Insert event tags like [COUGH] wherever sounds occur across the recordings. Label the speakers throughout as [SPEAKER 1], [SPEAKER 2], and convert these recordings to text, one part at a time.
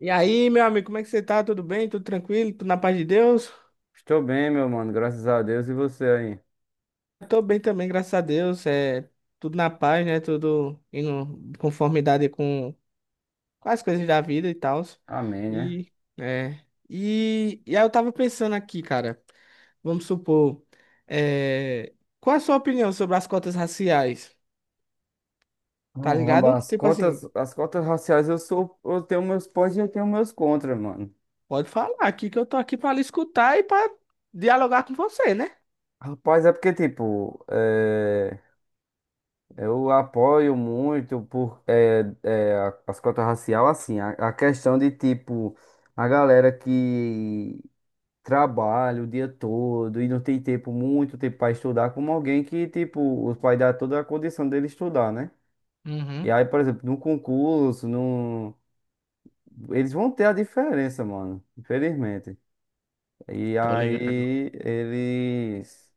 [SPEAKER 1] E aí, meu amigo, como é que você tá? Tudo bem? Tudo tranquilo? Tudo na paz de Deus?
[SPEAKER 2] Estou bem, meu mano, graças a Deus e você aí.
[SPEAKER 1] Tô bem também, graças a Deus. É tudo na paz, né? Tudo em conformidade com as coisas da vida e tal.
[SPEAKER 2] Amém, né?
[SPEAKER 1] E, é, e aí eu tava pensando aqui, cara, vamos supor, é, qual a sua opinião sobre as cotas raciais? Tá
[SPEAKER 2] Caramba,
[SPEAKER 1] ligado?
[SPEAKER 2] as
[SPEAKER 1] Tipo assim,
[SPEAKER 2] cotas, as cotas raciais eu tenho meus pós e eu tenho meus contras, mano.
[SPEAKER 1] pode falar aqui que eu tô aqui pra lhe escutar e pra dialogar com você, né?
[SPEAKER 2] Rapaz, é porque, tipo, eu apoio muito por as cotas racial, assim, a questão de, tipo, a galera que trabalha o dia todo e não tem tempo, muito tempo para estudar, como alguém que, tipo, os pais dão toda a condição dele estudar, né? E
[SPEAKER 1] Uhum,
[SPEAKER 2] aí, por exemplo, no concurso, num. Eles vão ter a diferença, mano. Infelizmente. E
[SPEAKER 1] tô ligado.
[SPEAKER 2] aí eles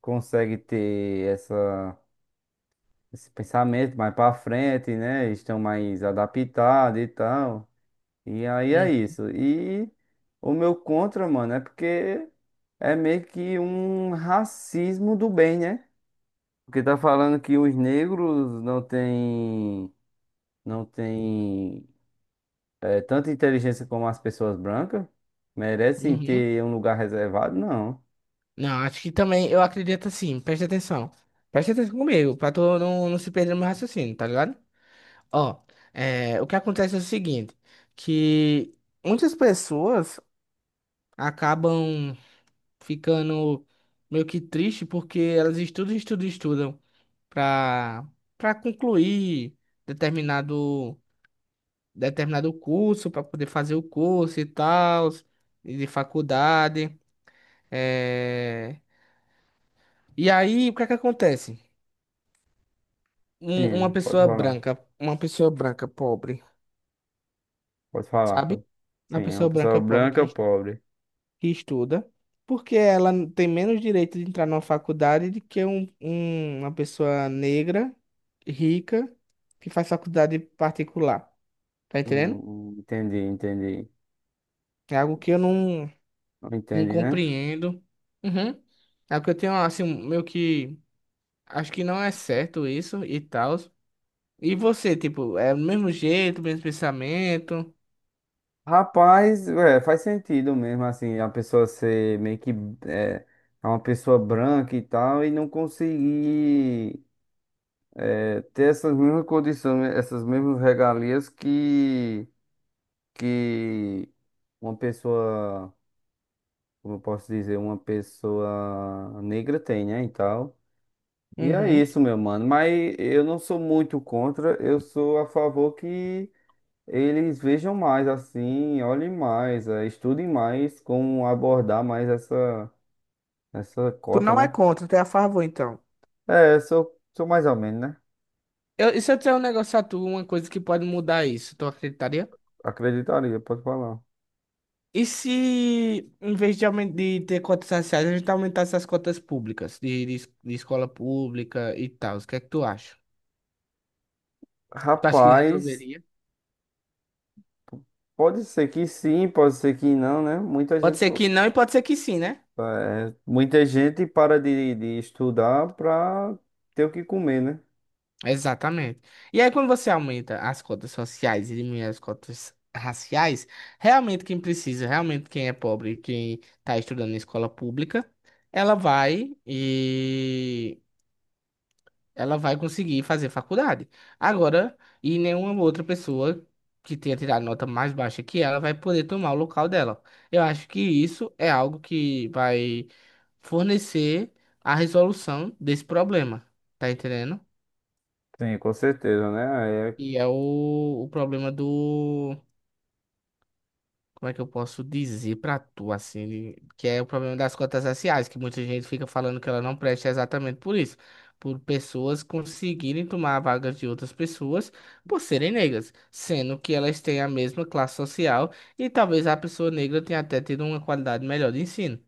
[SPEAKER 2] conseguem ter esse pensamento mais pra frente, né? Eles estão mais adaptados e tal. E aí é
[SPEAKER 1] Uhum,
[SPEAKER 2] isso. E o meu contra, mano, é porque é meio que um racismo do bem, né? Porque tá falando que os negros não têm, tanto inteligência como as pessoas brancas merecem
[SPEAKER 1] uhum.
[SPEAKER 2] ter um lugar reservado? Não.
[SPEAKER 1] Não, acho que também, eu acredito assim, preste atenção. Preste atenção comigo, pra tu não se perder no meu raciocínio, tá ligado? Ó, o que acontece é o seguinte, que muitas pessoas acabam ficando meio que triste porque elas estudam, estudam, estudam pra, pra concluir determinado, determinado curso, pra poder fazer o curso e tal, e de faculdade. É... E aí, o que é que acontece? Uma
[SPEAKER 2] Sim, pode
[SPEAKER 1] pessoa
[SPEAKER 2] falar.
[SPEAKER 1] branca, uma pessoa branca pobre,
[SPEAKER 2] Pode falar.
[SPEAKER 1] sabe?
[SPEAKER 2] Pode.
[SPEAKER 1] Uma
[SPEAKER 2] Sim, é uma
[SPEAKER 1] pessoa
[SPEAKER 2] pessoa
[SPEAKER 1] branca pobre
[SPEAKER 2] branca pobre.
[SPEAKER 1] que estuda, porque ela tem menos direito de entrar numa faculdade do que uma pessoa negra, rica, que faz faculdade particular. Tá
[SPEAKER 2] Hum,
[SPEAKER 1] entendendo?
[SPEAKER 2] entendi, entendi.
[SPEAKER 1] É algo que eu não, Não
[SPEAKER 2] Entendi, né?
[SPEAKER 1] compreendo. Uhum. É algo que eu tenho, assim, meio que. Acho que não é certo isso e tal. E você, tipo, é o mesmo jeito, mesmo pensamento.
[SPEAKER 2] Rapaz, é, faz sentido mesmo, assim, a pessoa ser meio que é, é, uma pessoa branca e tal, e não conseguir ter essas mesmas condições, essas mesmas regalias que uma pessoa, como eu posso dizer, uma pessoa negra tem, né, e tal. E é
[SPEAKER 1] Uhum.
[SPEAKER 2] isso, meu mano. Mas eu não sou muito contra, eu sou a favor que eles vejam mais assim, olhem mais, estudem mais como abordar mais essa
[SPEAKER 1] Tu
[SPEAKER 2] cota,
[SPEAKER 1] não é
[SPEAKER 2] né?
[SPEAKER 1] contra, tu é a favor, então.
[SPEAKER 2] É, sou mais ou menos, né?
[SPEAKER 1] E se eu disser um negócio a tu, uma coisa que pode mudar isso, tu acreditaria?
[SPEAKER 2] Acreditaria, pode falar.
[SPEAKER 1] E se, em vez de ter cotas raciais, a gente aumentasse as cotas públicas, de escola pública e tal? O que é que tu acha? Tu acha que
[SPEAKER 2] Rapaz,
[SPEAKER 1] resolveria?
[SPEAKER 2] pode ser que sim, pode ser que não, né? Muita
[SPEAKER 1] Pode
[SPEAKER 2] gente,
[SPEAKER 1] ser
[SPEAKER 2] po-
[SPEAKER 1] que não e pode ser que sim, né?
[SPEAKER 2] eh, muita gente para de estudar para ter o que comer, né?
[SPEAKER 1] Exatamente. E aí, quando você aumenta as cotas sociais e diminui as cotas raciais, realmente quem precisa, realmente quem é pobre, quem está estudando em escola pública, ela vai ela vai conseguir fazer faculdade. Agora, e nenhuma outra pessoa que tenha tirado nota mais baixa que ela vai poder tomar o local dela. Eu acho que isso é algo que vai fornecer a resolução desse problema, tá entendendo?
[SPEAKER 2] Sim, com certeza, né? É,
[SPEAKER 1] E é o problema do. Como é que eu posso dizer pra tu, assim, que é o problema das cotas raciais, que muita gente fica falando que ela não presta exatamente por isso, por pessoas conseguirem tomar vagas de outras pessoas por serem negras, sendo que elas têm a mesma classe social e talvez a pessoa negra tenha até tido uma qualidade melhor de ensino,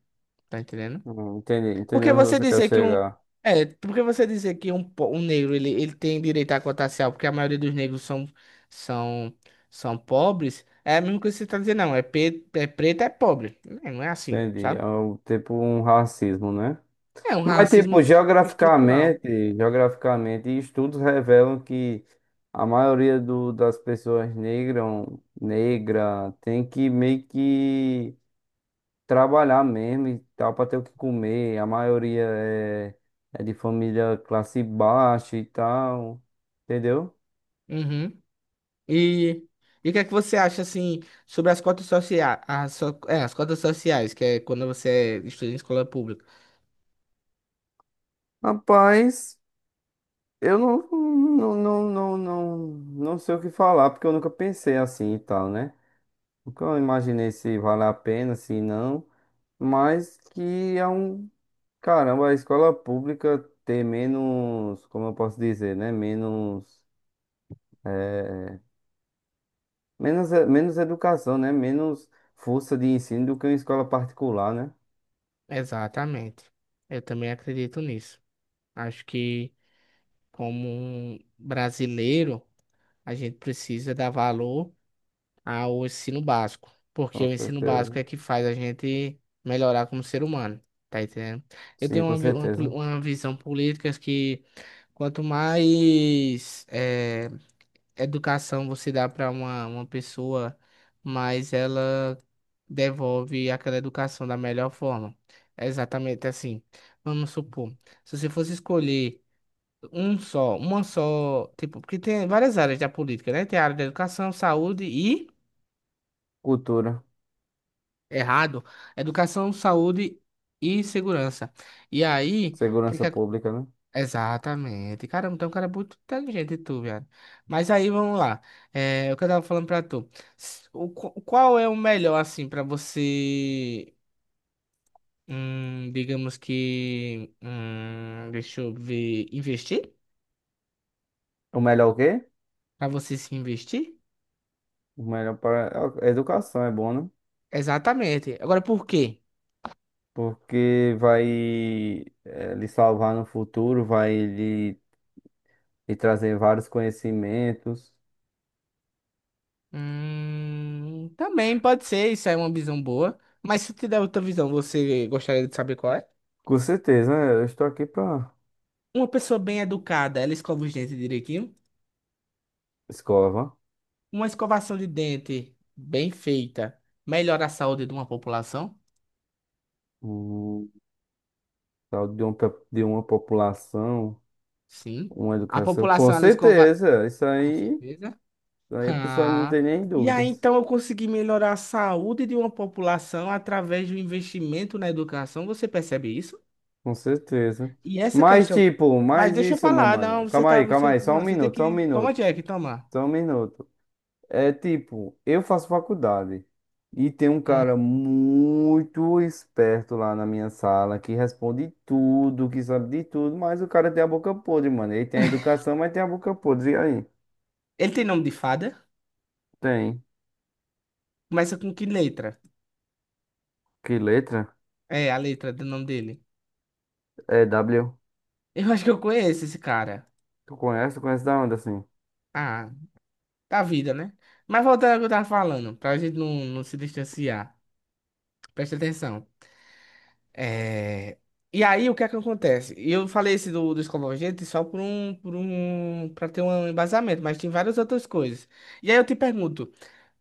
[SPEAKER 1] tá entendendo?
[SPEAKER 2] entendi, entendi
[SPEAKER 1] Porque
[SPEAKER 2] onde
[SPEAKER 1] você
[SPEAKER 2] você quer
[SPEAKER 1] dizer que um.
[SPEAKER 2] chegar.
[SPEAKER 1] É, porque você dizer que um negro ele tem direito à cota racial, porque a maioria dos negros são, são pobres, é a mesma coisa que você está dizendo, não. É preto, é pobre. É, não é assim,
[SPEAKER 2] Entendi.
[SPEAKER 1] sabe?
[SPEAKER 2] É um, tipo um racismo, né?
[SPEAKER 1] É um
[SPEAKER 2] Mas, tipo,
[SPEAKER 1] racismo estrutural.
[SPEAKER 2] geograficamente, geograficamente, estudos revelam que a maioria das pessoas negras, negra, tem que meio que trabalhar mesmo e tal, para ter o que comer. A maioria é de família classe baixa e tal, entendeu?
[SPEAKER 1] Uhum. E, e o que é que você acha, assim, sobre as cotas sociais? As cotas sociais, que é quando você estuda em escola pública.
[SPEAKER 2] Rapaz. Eu não, não, não, não, não, não sei o que falar, porque eu nunca pensei assim e tal, né? Nunca imaginei se vale a pena, se não. Mas que é um. Caramba, a escola pública ter menos. Como eu posso dizer, né? Menos. é, menos educação, né? Menos força de ensino do que uma escola particular, né?
[SPEAKER 1] Exatamente. Eu também acredito nisso. Acho que, como um brasileiro, a gente precisa dar valor ao ensino básico, porque
[SPEAKER 2] Com
[SPEAKER 1] o ensino
[SPEAKER 2] certeza.
[SPEAKER 1] básico é que faz a gente melhorar como ser humano, tá entendendo? Eu
[SPEAKER 2] Sim,
[SPEAKER 1] tenho
[SPEAKER 2] com
[SPEAKER 1] uma, vi- uma, poli-
[SPEAKER 2] certeza.
[SPEAKER 1] uma visão política que quanto mais educação você dá para uma pessoa, mais ela devolve aquela educação da melhor forma. É exatamente assim. Vamos supor, se você fosse escolher uma só, tipo, porque tem várias áreas da política, né? Tem a área da educação,
[SPEAKER 2] Cultura,
[SPEAKER 1] errado, educação, saúde e segurança. E aí, o que
[SPEAKER 2] segurança
[SPEAKER 1] que ac-
[SPEAKER 2] pública, né?
[SPEAKER 1] exatamente, caramba, então um cara é muito inteligente tu, velho. Mas aí, vamos lá, é, o que eu tava falando pra tu, qual é o melhor, assim, pra você, deixa eu ver, investir?
[SPEAKER 2] O melhor o quê?
[SPEAKER 1] Pra você se investir?
[SPEAKER 2] O melhor para. A educação é bom, né?
[SPEAKER 1] Exatamente. Agora, por quê?
[SPEAKER 2] Porque vai lhe salvar no futuro, vai lhe trazer vários conhecimentos.
[SPEAKER 1] Também pode ser, isso é uma visão boa. Mas se eu te der outra visão, você gostaria de saber qual é?
[SPEAKER 2] Com certeza, né? Eu estou aqui para.
[SPEAKER 1] Uma pessoa bem educada, ela escova os dentes direitinho?
[SPEAKER 2] Escova.
[SPEAKER 1] Uma escovação de dente bem feita melhora a saúde de uma população?
[SPEAKER 2] Um, tal de, um, pe- De uma população.
[SPEAKER 1] Sim.
[SPEAKER 2] Uma
[SPEAKER 1] A
[SPEAKER 2] educação. Com
[SPEAKER 1] população, ela escova...
[SPEAKER 2] certeza,
[SPEAKER 1] Com certeza. [LAUGHS]
[SPEAKER 2] isso aí a pessoa não
[SPEAKER 1] Ah,
[SPEAKER 2] tem nem
[SPEAKER 1] e aí,
[SPEAKER 2] dúvidas.
[SPEAKER 1] então, eu consegui melhorar a saúde de uma população através do investimento na educação. Você percebe isso?
[SPEAKER 2] Com certeza.
[SPEAKER 1] E essa
[SPEAKER 2] Mas,
[SPEAKER 1] questão.
[SPEAKER 2] tipo,
[SPEAKER 1] Mas
[SPEAKER 2] mais
[SPEAKER 1] deixa eu
[SPEAKER 2] isso, meu
[SPEAKER 1] falar,
[SPEAKER 2] mano.
[SPEAKER 1] não, você tá.
[SPEAKER 2] Calma
[SPEAKER 1] Você,
[SPEAKER 2] aí, só
[SPEAKER 1] não,
[SPEAKER 2] um
[SPEAKER 1] você tem
[SPEAKER 2] minuto, só um
[SPEAKER 1] que. Toma,
[SPEAKER 2] minuto,
[SPEAKER 1] Jack, toma.
[SPEAKER 2] só um minuto. É tipo, eu faço faculdade e tem um
[SPEAKER 1] Hum.
[SPEAKER 2] cara muito esperto lá na minha sala que responde tudo, que sabe de tudo, mas o cara tem a boca podre, mano. Ele tem a educação, mas tem a boca podre. E aí?
[SPEAKER 1] Ele tem nome de fada?
[SPEAKER 2] Tem.
[SPEAKER 1] Começa com que letra?
[SPEAKER 2] Que letra?
[SPEAKER 1] É, a letra do nome dele.
[SPEAKER 2] É W.
[SPEAKER 1] Eu acho que eu conheço esse cara.
[SPEAKER 2] Tu conhece? Tu conhece da onde assim?
[SPEAKER 1] Ah, da vida, né? Mas voltando ao que eu tava falando, pra gente não se distanciar. Presta atenção. É... E aí, o que é que acontece? Eu falei esse dos convergentes só por um, para ter um embasamento, mas tem várias outras coisas. E aí eu te pergunto.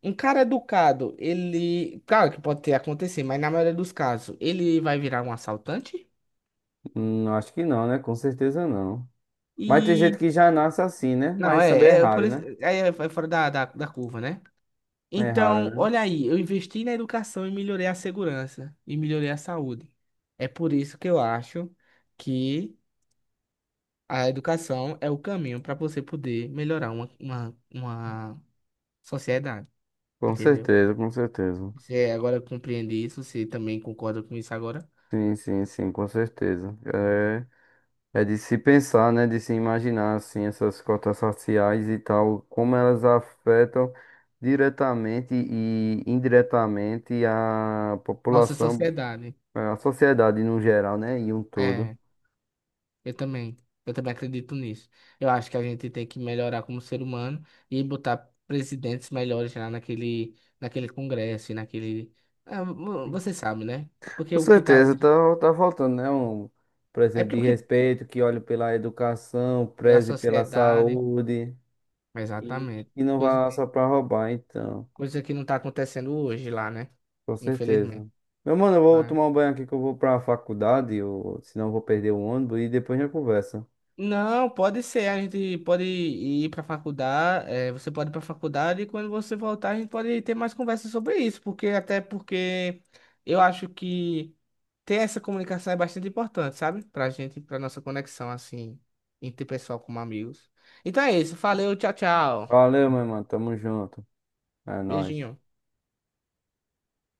[SPEAKER 1] Um cara educado, ele. Claro que pode ter acontecido, mas na maioria dos casos, ele vai virar um assaltante?
[SPEAKER 2] Acho que não, né? Com certeza não. Mas tem gente
[SPEAKER 1] E.
[SPEAKER 2] que já nasce assim, né?
[SPEAKER 1] Não,
[SPEAKER 2] Mas também é
[SPEAKER 1] é, É por
[SPEAKER 2] raro,
[SPEAKER 1] isso.
[SPEAKER 2] né?
[SPEAKER 1] Aí é fora da curva, né?
[SPEAKER 2] É raro,
[SPEAKER 1] Então,
[SPEAKER 2] né?
[SPEAKER 1] olha aí, eu investi na educação e melhorei a segurança e melhorei a saúde. É por isso que eu acho que a educação é o caminho para você poder melhorar uma sociedade,
[SPEAKER 2] Com
[SPEAKER 1] entendeu?
[SPEAKER 2] certeza, com certeza.
[SPEAKER 1] Você agora compreende isso, você também concorda com isso agora?
[SPEAKER 2] Sim, sim, sim, com certeza. É de se pensar, né? De se imaginar, assim, essas cotas raciais e tal, como elas afetam diretamente e indiretamente a
[SPEAKER 1] Nossa
[SPEAKER 2] população,
[SPEAKER 1] sociedade.
[SPEAKER 2] a sociedade no geral, né? E um todo.
[SPEAKER 1] É. Eu também. Eu também acredito nisso. Eu acho que a gente tem que melhorar como ser humano e botar presidentes melhores lá naquele congresso e naquele. Ah, você sabe, né? Porque
[SPEAKER 2] Com
[SPEAKER 1] o que tá
[SPEAKER 2] certeza,
[SPEAKER 1] hoje.
[SPEAKER 2] tá faltando, né? Um
[SPEAKER 1] É
[SPEAKER 2] presidente de
[SPEAKER 1] porque o que.
[SPEAKER 2] respeito que olhe pela educação,
[SPEAKER 1] Pela
[SPEAKER 2] preze pela
[SPEAKER 1] sociedade.
[SPEAKER 2] saúde
[SPEAKER 1] Exatamente.
[SPEAKER 2] e não
[SPEAKER 1] Coisa,
[SPEAKER 2] vá lá
[SPEAKER 1] que-
[SPEAKER 2] só pra roubar, então.
[SPEAKER 1] Coisa que não tá acontecendo hoje lá, né?
[SPEAKER 2] Com certeza.
[SPEAKER 1] Infelizmente.
[SPEAKER 2] Meu mano, eu vou tomar um banho aqui que eu vou pra faculdade, ou, senão eu vou perder o ônibus e depois a gente conversa.
[SPEAKER 1] Não, pode ser. A gente pode ir para faculdade. Você pode ir para faculdade e quando você voltar a gente pode ter mais conversa sobre isso, porque até porque eu acho que ter essa comunicação é bastante importante, sabe? Pra gente, pra nossa conexão assim, interpessoal como amigos. Então é isso. Valeu, tchau, tchau.
[SPEAKER 2] Valeu, meu mano. Tamo junto. É nóis.
[SPEAKER 1] Beijinho.